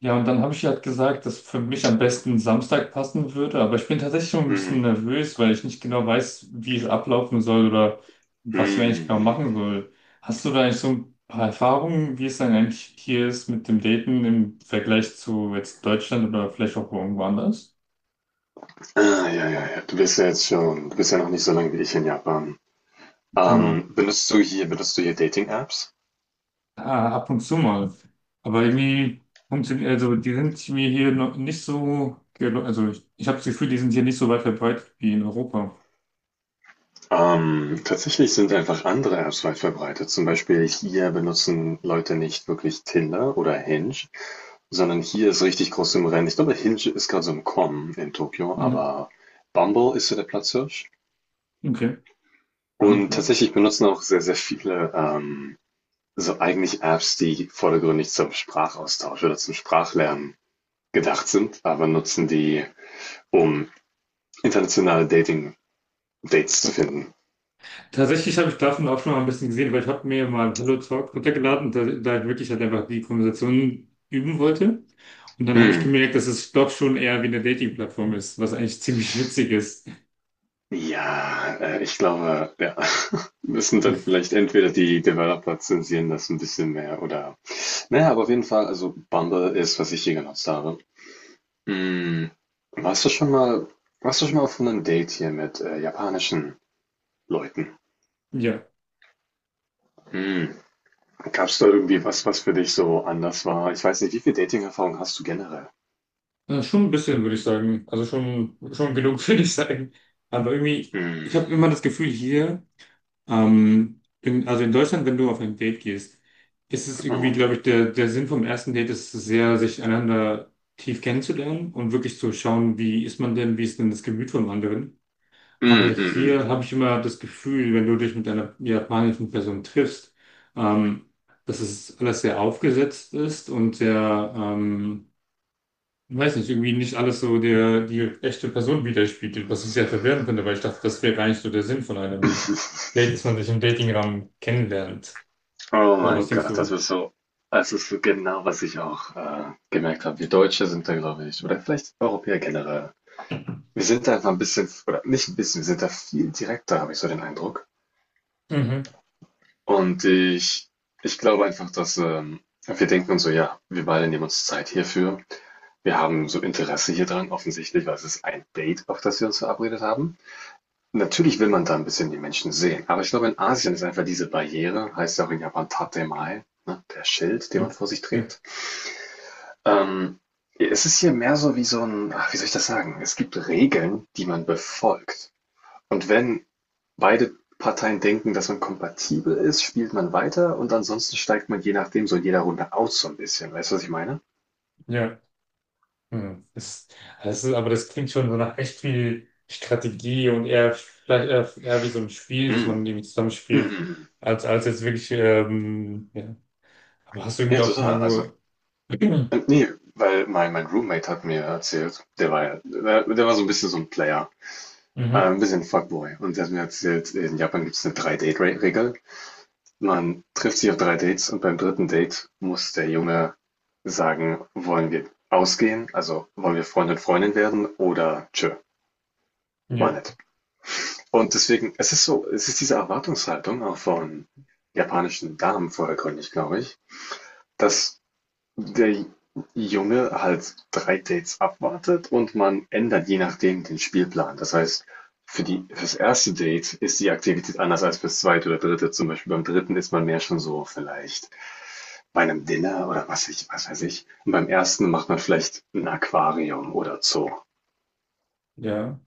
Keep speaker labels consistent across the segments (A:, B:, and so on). A: Ja, und dann habe ich halt gesagt, dass für mich am besten Samstag passen würde. Aber ich bin tatsächlich schon ein bisschen
B: Mhm.
A: nervös, weil ich nicht genau weiß, wie es ablaufen soll oder was wir eigentlich genau machen
B: Mhm.
A: soll. Hast du da eigentlich so ein paar Erfahrungen, wie es dann eigentlich hier ist mit dem Daten im Vergleich zu jetzt Deutschland oder vielleicht auch irgendwo anders?
B: Ah, ja, ja, ja. Du bist ja noch nicht so lange wie ich in Japan.
A: Genau.
B: Benutzt du hier Dating-Apps?
A: Ah, ab und zu mal. Aber irgendwie funktioniert, also die sind mir hier noch nicht so, also ich habe das Gefühl, die sind hier nicht so weit verbreitet wie in Europa.
B: Tatsächlich sind einfach andere Apps weit verbreitet. Zum Beispiel hier benutzen Leute nicht wirklich Tinder oder Hinge, sondern hier ist richtig groß im Rennen. Ich glaube, Hinge ist gerade so im Kommen in Tokio,
A: Mhm.
B: aber Bumble ist so der Platzhirsch.
A: Okay.
B: Und
A: Danke.
B: tatsächlich benutzen auch sehr, sehr viele so eigentlich Apps, die vordergründig zum Sprachaustausch oder zum Sprachlernen gedacht sind, aber nutzen die, um internationale Dating-Dates zu finden.
A: Tatsächlich habe ich davon auch schon mal ein bisschen gesehen, weil ich habe mir mal Hello Talk runtergeladen, da ich wirklich halt einfach die Konversation üben wollte. Und dann habe ich
B: Hm.
A: gemerkt, dass es doch schon eher wie eine Dating-Plattform ist, was eigentlich ziemlich witzig ist.
B: Ja, ich glaube, ja, müssen dann vielleicht entweder die Developer zensieren das ein bisschen mehr, oder naja, aber auf jeden Fall, also Bumble ist, was ich hier genutzt habe. Hm. Warst du schon mal, Warst du schon mal auf einem Date hier mit japanischen Leuten?
A: Ja,
B: Hm. Gab es da irgendwie was, was für dich so anders war? Ich weiß nicht, wie viel Dating-Erfahrung hast du generell?
A: schon ein bisschen, würde ich sagen. Also schon genug, würde ich sagen. Aber irgendwie, ich habe
B: Hm.
A: immer das Gefühl hier, also in Deutschland, wenn du auf ein Date gehst, ist es irgendwie,
B: Oh.
A: glaube ich, der Sinn vom ersten Date ist es sehr, sich einander tief kennenzulernen und wirklich zu schauen, wie ist man denn, wie ist denn das Gemüt vom anderen. Aber
B: Hm, hm,
A: hier
B: hm.
A: habe ich immer das Gefühl, wenn du dich mit einer japanischen Person triffst, ähm, dass es alles sehr aufgesetzt ist und sehr, ich weiß nicht, irgendwie nicht alles so der, die echte Person widerspiegelt, was ich sehr verwirrend finde, weil ich dachte, das wäre gar nicht so der Sinn von einem Date, dass man sich im Datingraum kennenlernt.
B: Oh
A: Oder was
B: mein
A: denkst
B: Gott,
A: du?
B: das ist so genau, was ich auch gemerkt habe. Wir Deutsche sind da, glaube ich, oder vielleicht Europäer generell. Wir sind da einfach ein bisschen, oder nicht ein bisschen, wir sind da viel direkter, habe ich so den Eindruck.
A: Mhm.
B: Und ich glaube einfach, dass wir denken uns so, ja, wir beide nehmen uns Zeit hierfür. Wir haben so Interesse hier dran, offensichtlich, weil es ist ein Date, auf das wir uns verabredet haben. Natürlich will man da ein bisschen die Menschen sehen, aber ich glaube, in Asien ist einfach diese Barriere, heißt ja auch in Japan Tatemae, ne, der Schild, den man vor sich
A: Ja,
B: trägt. Ähm, Es ist hier mehr so wie so ein, ach, wie soll ich das sagen? Es gibt Regeln, die man befolgt. Und wenn beide Parteien denken, dass man kompatibel ist, spielt man weiter, und ansonsten steigt man je nachdem so in jeder Runde aus so ein bisschen. Weißt du, was ich meine?
A: ja. Hm. Aber das klingt schon so nach echt viel Strategie und eher vielleicht eher wie so ein Spiel, dass
B: Mm.
A: man irgendwie
B: Mm.
A: zusammenspielt,
B: Mm.
A: als jetzt wirklich, ja. Aber hast du
B: Ja,
A: irgendwie auch schon mal
B: total. Also,
A: irgendwo.
B: nee, weil mein Roommate hat mir erzählt, der war so ein bisschen so ein Player,
A: Mhm.
B: ein bisschen Fuckboy. Und der hat mir erzählt, in Japan gibt es eine 3-Date-Regel. Man trifft sich auf 3 Dates, und beim dritten Date muss der Junge sagen, wollen wir ausgehen, also wollen wir Freund und Freundin werden, oder tschö, mal
A: Ja.
B: nicht. Und deswegen, es ist so, es ist diese Erwartungshaltung auch von japanischen Damen vordergründig, glaube ich, dass der Junge halt 3 Dates abwartet, und man ändert je nachdem den Spielplan. Das heißt, fürs erste Date ist die Aktivität anders als fürs zweite oder dritte. Zum Beispiel beim dritten ist man mehr schon so vielleicht bei einem Dinner oder was ich, was weiß ich. Und beim ersten macht man vielleicht ein Aquarium oder Zoo.
A: Ja.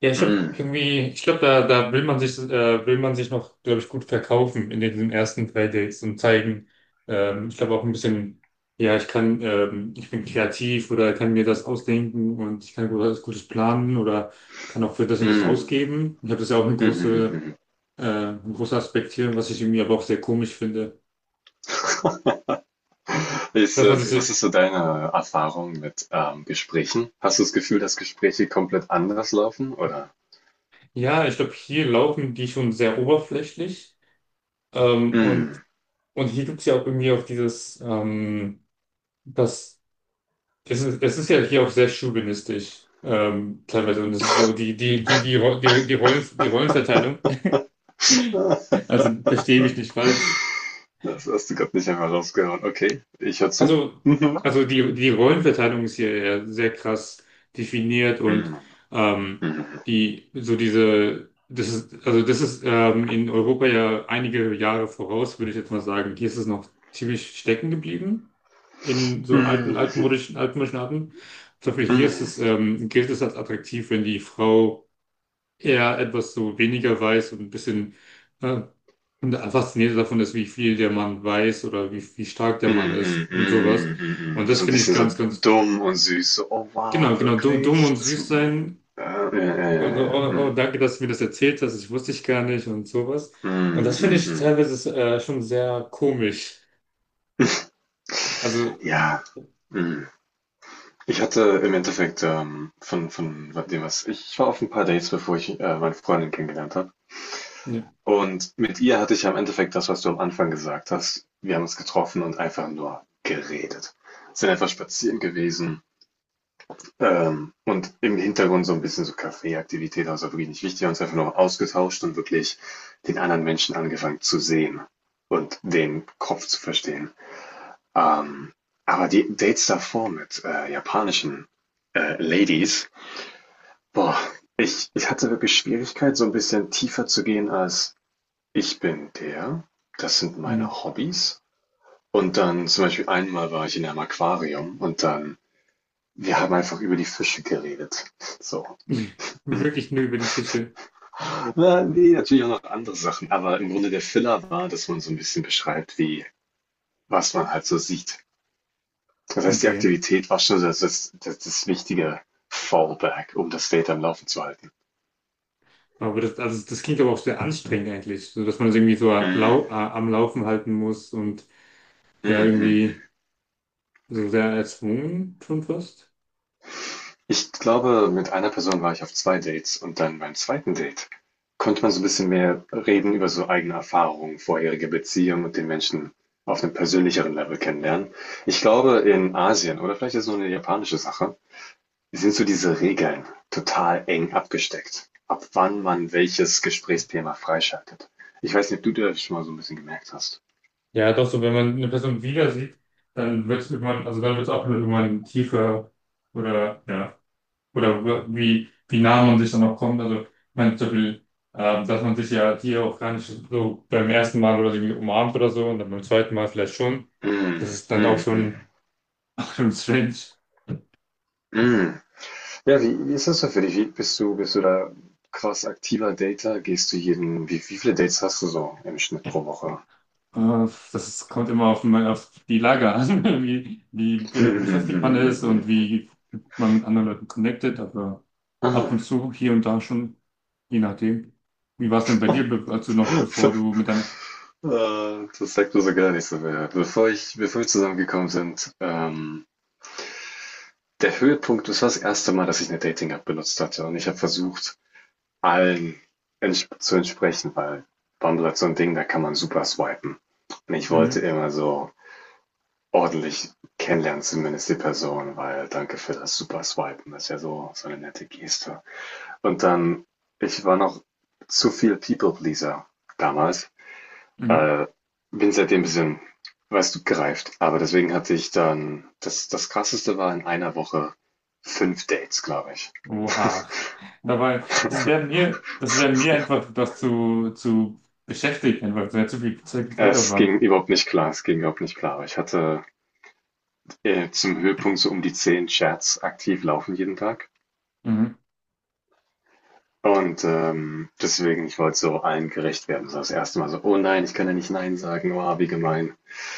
A: Ja, ich habe
B: Mm,
A: irgendwie, ich glaube, da will man sich noch, glaube ich, gut verkaufen in diesen ersten drei Dates und zeigen, ich glaube auch ein bisschen, ja, ich kann, ich bin kreativ oder kann mir das ausdenken und ich kann was Gutes planen oder kann auch für das und das
B: mm,
A: ausgeben. Ich habe das ja auch
B: mm, mm, mm.
A: ein großer Aspekt hier, was ich irgendwie aber auch sehr komisch finde. Dass man sich,
B: Was ist so deine Erfahrung mit Gesprächen? Hast du das Gefühl, dass Gespräche komplett anders laufen, oder?
A: ja, ich glaube, hier laufen die schon sehr oberflächlich, ähm,
B: Mm.
A: und, und hier gibt's ja auch irgendwie auch dieses, das das ist ja hier auch sehr chauvinistisch, teilweise. Und das ist so die, die, die, die, Ro- die, die Rollen, die Rollenverteilung.
B: Ah.
A: Also verstehe mich nicht falsch.
B: Das hast du gerade nicht einmal rausgehauen. Okay, ich hör zu.
A: Also,
B: Mhm.
A: also die Rollenverteilung ist hier ja sehr krass definiert und ähm,
B: Mhm.
A: also das ist in Europa ja einige Jahre voraus, würde ich jetzt mal sagen. Hier ist es noch ziemlich stecken geblieben in so alten,
B: Mhm.
A: altmodischen, altmodischen Arten. Zum Beispiel hier ist
B: Mhm.
A: es, gilt es als attraktiv, wenn die Frau eher etwas so weniger weiß und ein bisschen äh, und fasziniert davon ist, wie viel der Mann weiß oder wie stark der Mann
B: Mhm. Mhm.
A: ist und sowas.
B: Mhm.
A: Und
B: Mhm.
A: das
B: So ein
A: finde ich
B: bisschen so
A: ganz, ganz,
B: dumm und süß. So, oh
A: genau,
B: wow,
A: genau, du, dumm
B: wirklich?
A: und
B: Das,
A: süß sein. Und oh, oh, oh,
B: mm,
A: danke, dass du mir das erzählt hast, ich wusste ich gar nicht und sowas. Und
B: mm,
A: das finde
B: mm,
A: ich
B: mm.
A: teilweise schon sehr komisch. Also,
B: Ja, mm. Ich hatte im Endeffekt von, dem, was ich war auf ein paar Dates, bevor ich meine Freundin kennengelernt habe.
A: ja,
B: Und mit ihr hatte ich am Endeffekt das, was du am Anfang gesagt hast. Wir haben uns getroffen und einfach nur geredet. Sind einfach spazieren gewesen, und im Hintergrund so ein bisschen so Kaffeeaktivität, also wirklich nicht wichtig, haben uns einfach nur ausgetauscht und wirklich den anderen Menschen angefangen zu sehen und den Kopf zu verstehen. Ähm, aber die Dates davor mit japanischen Ladies, boah, ich hatte wirklich Schwierigkeit, so ein bisschen tiefer zu gehen als ich bin der, das sind
A: mm.
B: meine Hobbys, und dann zum Beispiel einmal war ich in einem Aquarium, und dann wir haben einfach über die Fische geredet. So.
A: wirklich nur über die Fische.
B: Na, nee, natürlich auch noch andere Sachen, aber im Grunde der Filler war, dass man so ein bisschen beschreibt, wie was man halt so sieht. Das heißt, die
A: Okay.
B: Aktivität war schon das wichtige Fallback, um das Data am Laufen zu halten.
A: Aber also das klingt aber auch sehr anstrengend eigentlich, so dass man es irgendwie so
B: Mhm.
A: lau am Laufen halten muss und ja
B: Mhm.
A: irgendwie so sehr erzwungen schon fast.
B: Ich glaube, mit einer Person war ich auf 2 Dates, und dann beim zweiten Date konnte man so ein bisschen mehr reden über so eigene Erfahrungen, vorherige Beziehungen und den Menschen auf einem persönlicheren Level kennenlernen. Ich glaube, in Asien, oder vielleicht ist es nur eine japanische Sache, sind so diese Regeln total eng abgesteckt, ab wann man welches Gesprächsthema freischaltet. Ich weiß nicht, ob du das schon mal so ein bisschen gemerkt hast.
A: Ja, doch so, wenn man eine Person wieder sieht, dann wird es irgendwann, also dann wird es auch irgendwann tiefer oder ja, oder wie nah man sich dann auch kommt. Also ich meine zum Beispiel, dass man sich ja hier auch gar nicht so beim ersten Mal oder so irgendwie umarmt oder so und dann beim zweiten Mal vielleicht schon. Das
B: Mhm,
A: ist dann auch
B: mhm, mhm,
A: schon, schon strange.
B: mhm. Ja, wie ist das denn für dich? Bist du da krass aktiver Dater? Wie viele Dates hast du so im Schnitt pro Woche?
A: Äh, Das kommt immer auf die Lage an, wie beschäftigt man ist und wie man mit anderen Leuten connected, aber ab und
B: Ah,
A: zu, hier und da schon, je nachdem. Wie war es denn bei dir, bevor du mit deiner...
B: das sagt mir so gar nicht so mehr. Bevor wir zusammengekommen sind, der Höhepunkt, das war das erste Mal, dass ich eine Dating-App benutzt hatte. Und ich habe versucht, allen ents zu entsprechen, weil Bumble hat so ein Ding, da kann man super swipen. Und ich wollte
A: Mhm,
B: immer so ordentlich kennenlernen, zumindest die Person, weil danke für das super Swipen, das ist ja so, so eine nette Geste. Und dann, ich war noch zu viel People-Pleaser damals,
A: mhm.
B: bin seitdem ein bisschen, weißt du, gereift. Aber deswegen hatte ich dann, das krasseste war in einer Woche 5 Dates, glaube ich.
A: Oha. Dabei, das wäre mir einfach das zu beschäftigt, einfach sehr zu viel Zeit,
B: Es
A: Zeitaufwand.
B: ging überhaupt nicht klar, es ging überhaupt nicht klar. Ich hatte zum Höhepunkt so um die 10 Chats aktiv laufen jeden Tag.
A: Mhm.
B: Und, deswegen, ich wollte so allen gerecht werden. Das erste Mal so: „Oh nein, ich kann ja nicht nein sagen. Oh, wie gemein."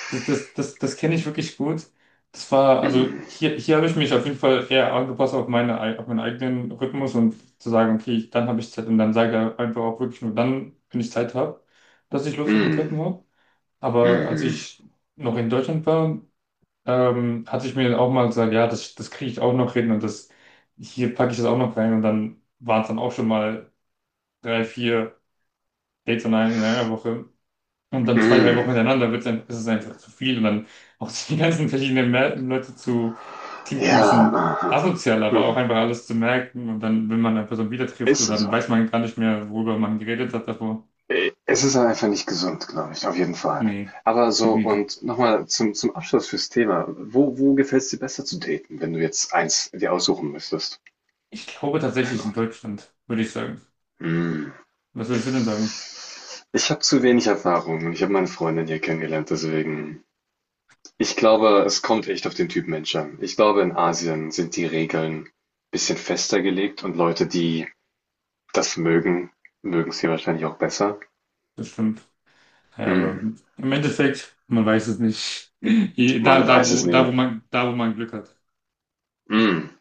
A: Das kenne ich wirklich gut. Das war, also
B: Mm,
A: hier habe ich mich auf jeden Fall eher angepasst auf meinen eigenen Rhythmus und zu sagen, okay, dann habe ich Zeit und dann sage ich einfach auch wirklich nur dann, wenn ich Zeit habe, dass ich Lust auf einen Treppen
B: mm,
A: habe. Aber als
B: mhm,
A: ich noch in Deutschland war, hatte ich mir auch mal gesagt, ja, das kriege ich auch noch hin und hier packe ich das auch noch rein und dann waren es dann auch schon mal drei, vier Dates in einer Woche. Und
B: mm.
A: dann zwei, drei Wochen
B: Mm.
A: hintereinander ist es einfach zu viel. Und dann auch die ganzen verschiedenen Leute zu, klingt ein
B: Ja,
A: bisschen
B: aha,
A: asozial, aber auch
B: mhm.
A: einfach alles zu merken. Und dann, wenn man eine Person wieder trifft,
B: Ist
A: und dann
B: so.
A: weiß man gar nicht mehr, worüber man geredet hat davor.
B: Es ist halt einfach nicht gesund, glaube ich, auf jeden Fall.
A: Nee,
B: Aber so,
A: Gebiet.
B: und nochmal zum Abschluss fürs Thema. Wo gefällt's dir besser zu daten, wenn du jetzt eins dir aussuchen müsstest?
A: Ich glaube
B: Ein
A: tatsächlich in
B: Ort.
A: Deutschland, würde ich sagen.
B: Hm.
A: Was würdest du denn sagen?
B: Ich habe zu wenig Erfahrung, und ich habe meine Freundin hier kennengelernt, deswegen. Ich glaube, es kommt echt auf den Typ Mensch an. Ich glaube, in Asien sind die Regeln ein bisschen fester gelegt, und Leute, die das mögen, mögen es hier wahrscheinlich auch besser.
A: Das stimmt. Ja, aber
B: Hm,
A: im Endeffekt, man weiß es nicht. Da,
B: man
A: da,
B: weiß es
A: wo, da,
B: nie.
A: wo man, da, wo man Glück hat.
B: Hm.